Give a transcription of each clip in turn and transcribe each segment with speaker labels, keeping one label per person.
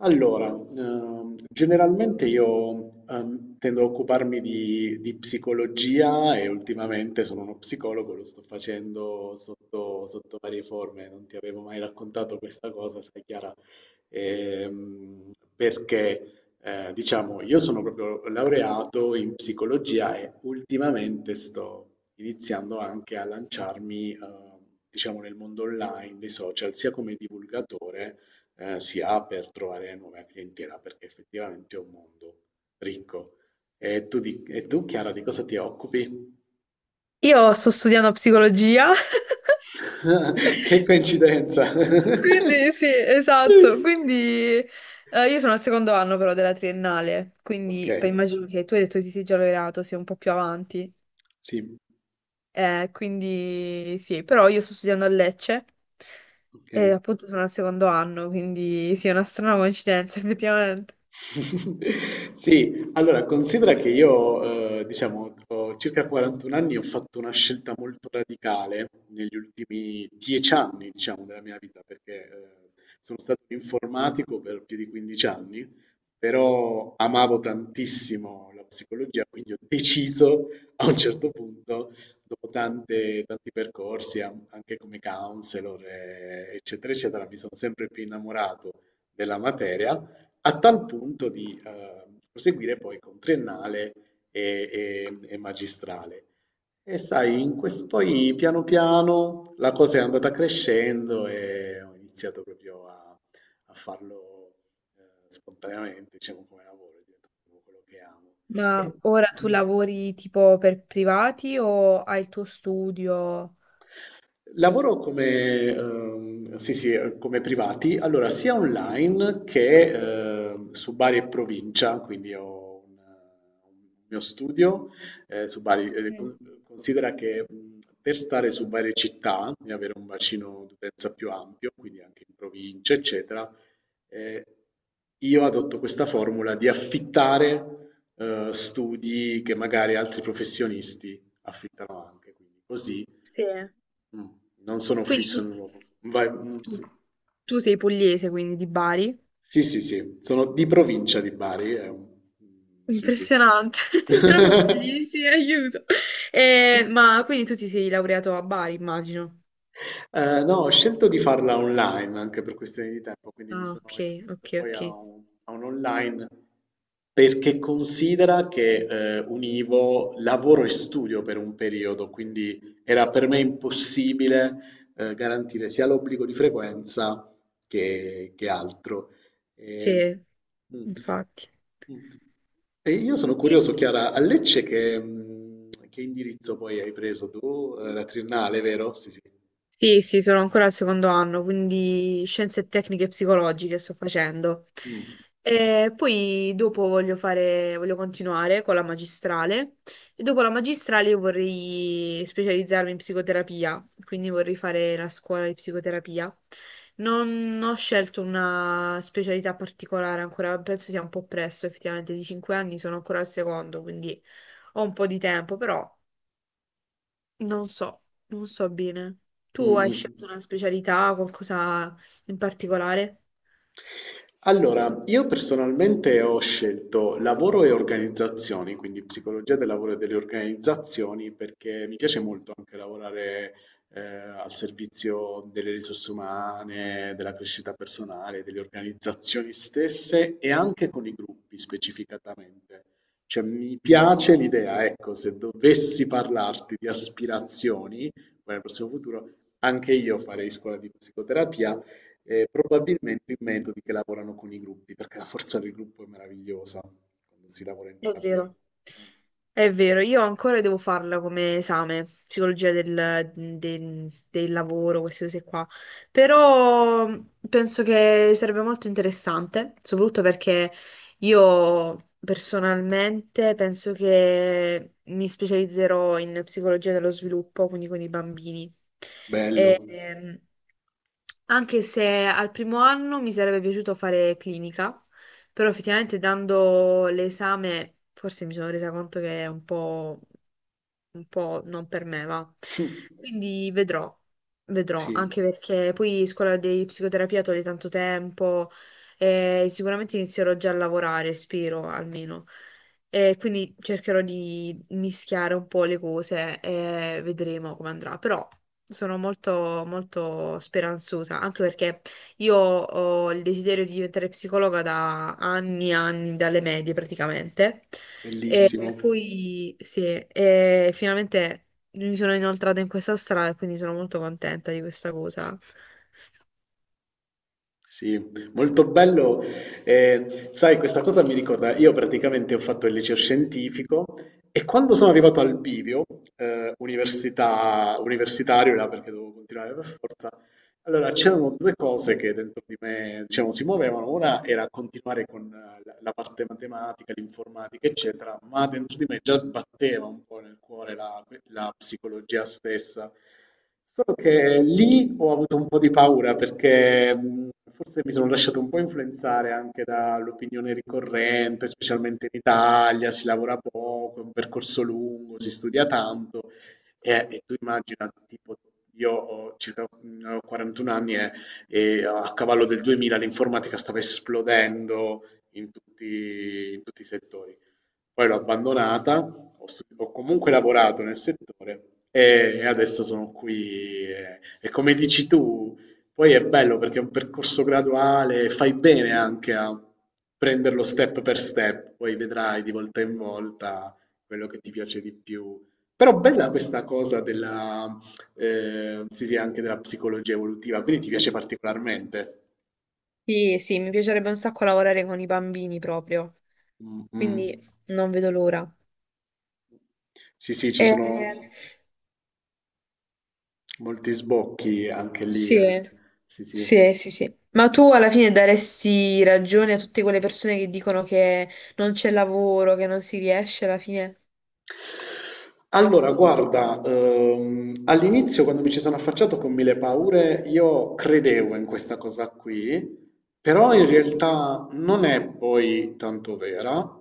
Speaker 1: Allora, generalmente io tendo a occuparmi di psicologia e ultimamente sono uno psicologo, lo sto facendo sotto varie forme, non ti avevo mai raccontato questa cosa, sai Chiara. Perché diciamo io sono proprio laureato in psicologia e ultimamente sto iniziando anche a lanciarmi, diciamo, nel mondo online, dei social, sia come divulgatore si ha per trovare nuova clientela, perché effettivamente è un mondo ricco. E tu, Chiara, di cosa ti occupi?
Speaker 2: Io sto studiando psicologia,
Speaker 1: Che coincidenza!
Speaker 2: quindi sì, esatto, quindi io sono al secondo anno però della triennale,
Speaker 1: Ok,
Speaker 2: quindi beh, immagino che tu hai detto che ti sei già laureato, sei un po' più avanti,
Speaker 1: sì,
Speaker 2: quindi sì, però io sto studiando a Lecce
Speaker 1: ok.
Speaker 2: e appunto sono al secondo anno, quindi sì, è una strana coincidenza effettivamente.
Speaker 1: Sì, allora considera che io, diciamo, ho circa 41 anni e ho fatto una scelta molto radicale negli ultimi 10 anni, diciamo, della mia vita, perché sono stato un informatico per più di 15 anni, però amavo tantissimo la psicologia, quindi ho deciso a un certo punto, dopo tanti percorsi, anche come counselor, eccetera, eccetera, mi sono sempre più innamorato della materia a tal punto di proseguire poi con triennale e magistrale. E sai, poi piano piano la cosa è andata crescendo e ho iniziato proprio a farlo spontaneamente, diciamo come lavoro, è diventato proprio quello che amo.
Speaker 2: Ma ora tu lavori tipo per privati o hai il tuo studio?
Speaker 1: Lavoro come, sì, sì, come privati, allora sia online che su Bari e provincia, un mio studio su Bari.
Speaker 2: Mm.
Speaker 1: Considera che per stare su Bari città e avere un bacino d'utenza più ampio, quindi anche in provincia, eccetera, eh, io adotto questa formula di affittare studi che magari altri professionisti affittano anche, quindi così.
Speaker 2: Sì.
Speaker 1: Mh, non sono
Speaker 2: Quindi
Speaker 1: fisso in un luogo. Vai, mhmm,
Speaker 2: Tu,
Speaker 1: sì.
Speaker 2: tu sei pugliese, quindi di Bari.
Speaker 1: Sì, sì, sì, sono di provincia di Bari, è un mhmm, sì, sì.
Speaker 2: Impressionante, entrambi pugliesi, aiuto. Ma quindi tu ti sei laureato a Bari, immagino.
Speaker 1: No, ho scelto di farla online anche per questioni di tempo, quindi mi
Speaker 2: Ah, ok,
Speaker 1: sono
Speaker 2: ok,
Speaker 1: iscritto poi
Speaker 2: ok.
Speaker 1: a un online perché considera che univo lavoro e studio per un periodo, quindi era per me impossibile garantire sia l'obbligo di frequenza che altro. E,
Speaker 2: Sì.
Speaker 1: mm,
Speaker 2: Infatti.
Speaker 1: mm. E io sono curioso, Chiara, a Lecce che, mm, che indirizzo poi hai preso tu? La triennale, vero? Sì, sì.
Speaker 2: Sì, sì, sono ancora al secondo anno, quindi scienze tecniche psicologiche sto facendo.
Speaker 1: Mm,
Speaker 2: E poi dopo voglio fare, voglio continuare con la magistrale e dopo la magistrale io vorrei specializzarmi in psicoterapia, quindi vorrei fare la scuola di psicoterapia. Non ho scelto una specialità particolare ancora, penso sia un po' presto, effettivamente di 5 anni sono ancora al secondo, quindi ho un po' di tempo, però. Non so, non so bene. Tu
Speaker 1: mm,
Speaker 2: hai scelto
Speaker 1: mm.
Speaker 2: una specialità, qualcosa in particolare?
Speaker 1: Allora, io personalmente ho scelto lavoro e organizzazioni, quindi psicologia del lavoro e delle organizzazioni, perché mi piace molto anche lavorare al servizio delle risorse umane, della crescita personale, delle organizzazioni stesse e anche con i gruppi specificatamente. Cioè, mi piace l'idea, ecco, se dovessi parlarti di aspirazioni, poi nel prossimo futuro, anche io farei scuola di psicoterapia. E probabilmente i metodi che lavorano con i gruppi, perché la forza del gruppo è meravigliosa quando si lavora in
Speaker 2: È
Speaker 1: terapia.
Speaker 2: vero, è vero, io ancora devo farla come esame, psicologia del lavoro, queste cose qua, però penso che sarebbe molto interessante, soprattutto perché io personalmente penso che mi specializzerò in psicologia dello sviluppo, quindi con i bambini.
Speaker 1: Bello,
Speaker 2: E, anche se al primo anno mi sarebbe piaciuto fare clinica, però effettivamente dando l'esame, forse mi sono resa conto che è un po' non per me, va. Quindi vedrò, vedrò,
Speaker 1: sì,
Speaker 2: anche perché poi scuola di psicoterapia toglie tanto tempo e sicuramente inizierò già a lavorare, spero almeno. E quindi cercherò di mischiare un po' le cose e vedremo come andrà. Però sono molto, molto speranzosa, anche perché io ho il desiderio di diventare psicologa da anni e anni, dalle medie praticamente. E
Speaker 1: bellissimo,
Speaker 2: poi sì, e finalmente mi sono inoltrata in questa strada e quindi sono molto contenta di questa cosa.
Speaker 1: sì, molto bello. Sai, questa cosa mi ricorda, io praticamente ho fatto il liceo scientifico e quando sono arrivato al bivio, università, universitario, là, perché dovevo continuare per forza. Allora, c'erano due cose che dentro di me, diciamo, si muovevano. Una era continuare con la parte matematica, l'informatica, eccetera, ma dentro di me già batteva un po' nel cuore la psicologia stessa. Solo che lì ho avuto un po' di paura perché forse mi sono lasciato un po' influenzare anche dall'opinione ricorrente, specialmente in Italia, si lavora poco, è un percorso lungo, si studia tanto. E tu immagina, tipo, io ho circa ho 41 anni e a cavallo del 2000 l'informatica stava esplodendo in tutti i settori. Poi l'ho abbandonata, ho comunque lavorato nel settore e adesso sono qui. E come dici tu, poi è bello perché è un percorso graduale, fai bene anche a prenderlo step per step, poi vedrai di volta in volta quello che ti piace di più. Però bella questa cosa della, sì, sì, anche della psicologia evolutiva, quindi ti piace particolarmente.
Speaker 2: Sì, sì, mi piacerebbe un sacco lavorare con i bambini proprio,
Speaker 1: Mm,
Speaker 2: quindi
Speaker 1: mm.
Speaker 2: non vedo l'ora.
Speaker 1: Sì, sì, ci
Speaker 2: Eh,
Speaker 1: sono molti sbocchi anche lì,
Speaker 2: sì,
Speaker 1: eh. Sì, sì.
Speaker 2: sì, sì, sì. Ma tu alla fine daresti ragione a tutte quelle persone che dicono che non c'è lavoro, che non si riesce alla fine?
Speaker 1: Allora, guarda, all'inizio quando mi ci sono affacciato con mille paure, io credevo in questa cosa qui, però in realtà non è poi tanto vera.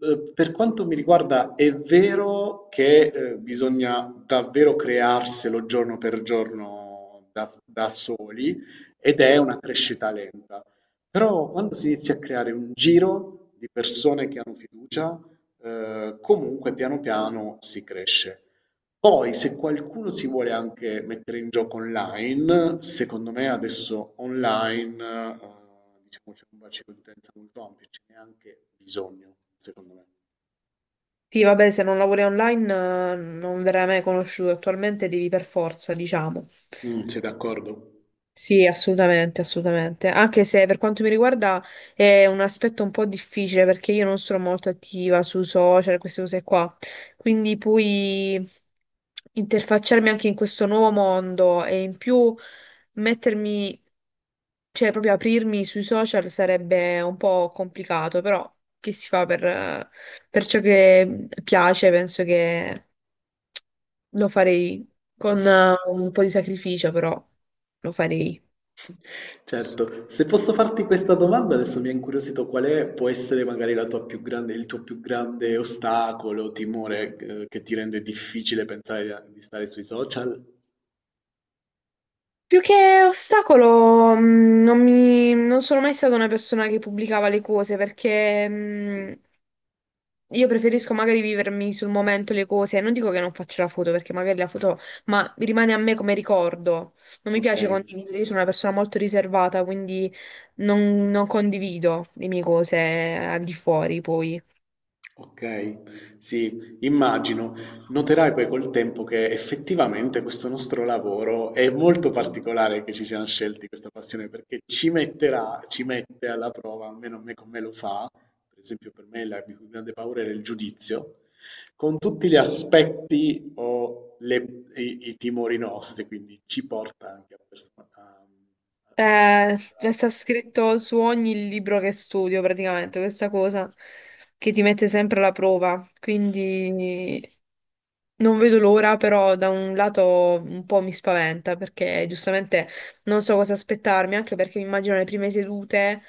Speaker 1: Per quanto mi riguarda, è vero che bisogna davvero crearselo giorno per giorno da soli ed è una crescita lenta. Però quando si inizia a creare un giro di persone che hanno fiducia, comunque piano piano si cresce. Poi, se qualcuno si vuole anche mettere in gioco online, secondo me adesso online, diciamo, c'è un bacino di utenza molto ampio, ce n'è anche bisogno, secondo me.
Speaker 2: Sì, vabbè, se non lavori online non verrai mai conosciuto, attualmente devi per forza, diciamo.
Speaker 1: Mm, sei d'accordo?
Speaker 2: Sì, assolutamente, assolutamente. Anche se per quanto mi riguarda è un aspetto un po' difficile perché io non sono molto attiva sui social, queste cose qua. Quindi poi interfacciarmi anche in questo nuovo mondo e in più mettermi, cioè proprio aprirmi sui social sarebbe un po' complicato, però che si fa per ciò che piace, penso che lo farei con un po' di sacrificio, però lo farei.
Speaker 1: Certo, se posso farti questa domanda, adesso mi ha incuriosito qual è, può essere magari la tua più grande, il tuo più grande ostacolo, timore, che ti rende difficile pensare di stare sui social?
Speaker 2: Più che ostacolo, non sono mai stata una persona che pubblicava le cose perché
Speaker 1: Sì.
Speaker 2: io preferisco magari vivermi sul momento le cose. Non dico che non faccio la foto perché magari la foto, ma rimane a me come ricordo. Non mi
Speaker 1: Ok.
Speaker 2: piace condividere, io sono una persona molto riservata, quindi non condivido le mie cose al di fuori poi.
Speaker 1: Ok, sì, immagino. Noterai poi col tempo che effettivamente questo nostro lavoro è molto particolare, che ci siamo scelti questa passione perché ci metterà, ci mette alla prova, almeno a me come lo fa, per esempio per me la mia più grande paura era il giudizio, con tutti gli aspetti o i, i timori nostri, quindi ci porta anche a, a dover
Speaker 2: Eh,
Speaker 1: superare.
Speaker 2: Sta scritto su ogni libro che studio, praticamente, questa cosa che ti mette sempre alla prova. Quindi non vedo l'ora, però da un lato un po' mi spaventa perché giustamente non so cosa aspettarmi, anche perché mi immagino le prime sedute.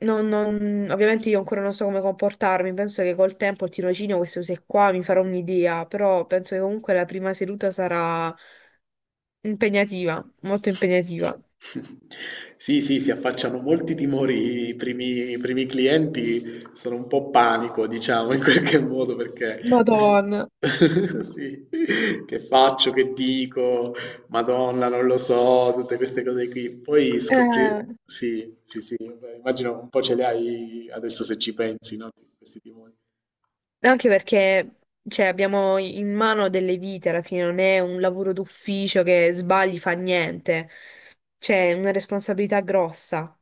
Speaker 2: Ovviamente io ancora non so come comportarmi, penso che col tempo il tirocinio, queste cose qua, mi farò un'idea, però penso che comunque la prima seduta sarà impegnativa, molto impegnativa.
Speaker 1: Sì, sì, si affacciano molti timori i primi clienti, sono un po' panico, diciamo, in qualche modo, perché
Speaker 2: Madonna.
Speaker 1: sì, che faccio, che dico, Madonna, non lo so, tutte queste cose qui. Poi scoprire,
Speaker 2: Eh,
Speaker 1: sì, sì, sì, beh, immagino un po' ce le hai adesso se ci pensi, no? Questi timori.
Speaker 2: Anche perché cioè, abbiamo in mano delle vite alla fine, non è un lavoro d'ufficio che sbagli fa niente, c'è una responsabilità grossa,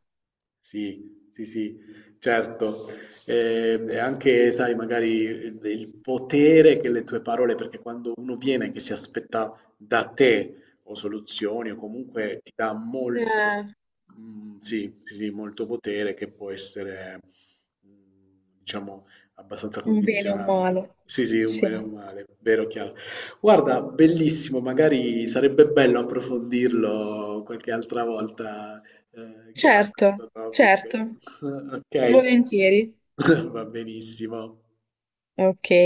Speaker 1: Sì, sì, sì, certo. E anche, sai, magari il potere che le tue parole, perché quando uno viene che si aspetta da te o soluzioni o comunque ti dà
Speaker 2: Eh,
Speaker 1: molto, mm, sì, sì, sì, molto potere che può essere, mm, diciamo, abbastanza
Speaker 2: un bene o un
Speaker 1: condizionante.
Speaker 2: male.
Speaker 1: Sì, sì, un
Speaker 2: Sì.
Speaker 1: bene o un male, vero, chiaro. Guarda, bellissimo, magari sarebbe bello approfondirlo qualche altra volta, chiara
Speaker 2: Certo,
Speaker 1: questo topic.
Speaker 2: certo,
Speaker 1: Ok,
Speaker 2: volentieri.
Speaker 1: va benissimo.
Speaker 2: Ok.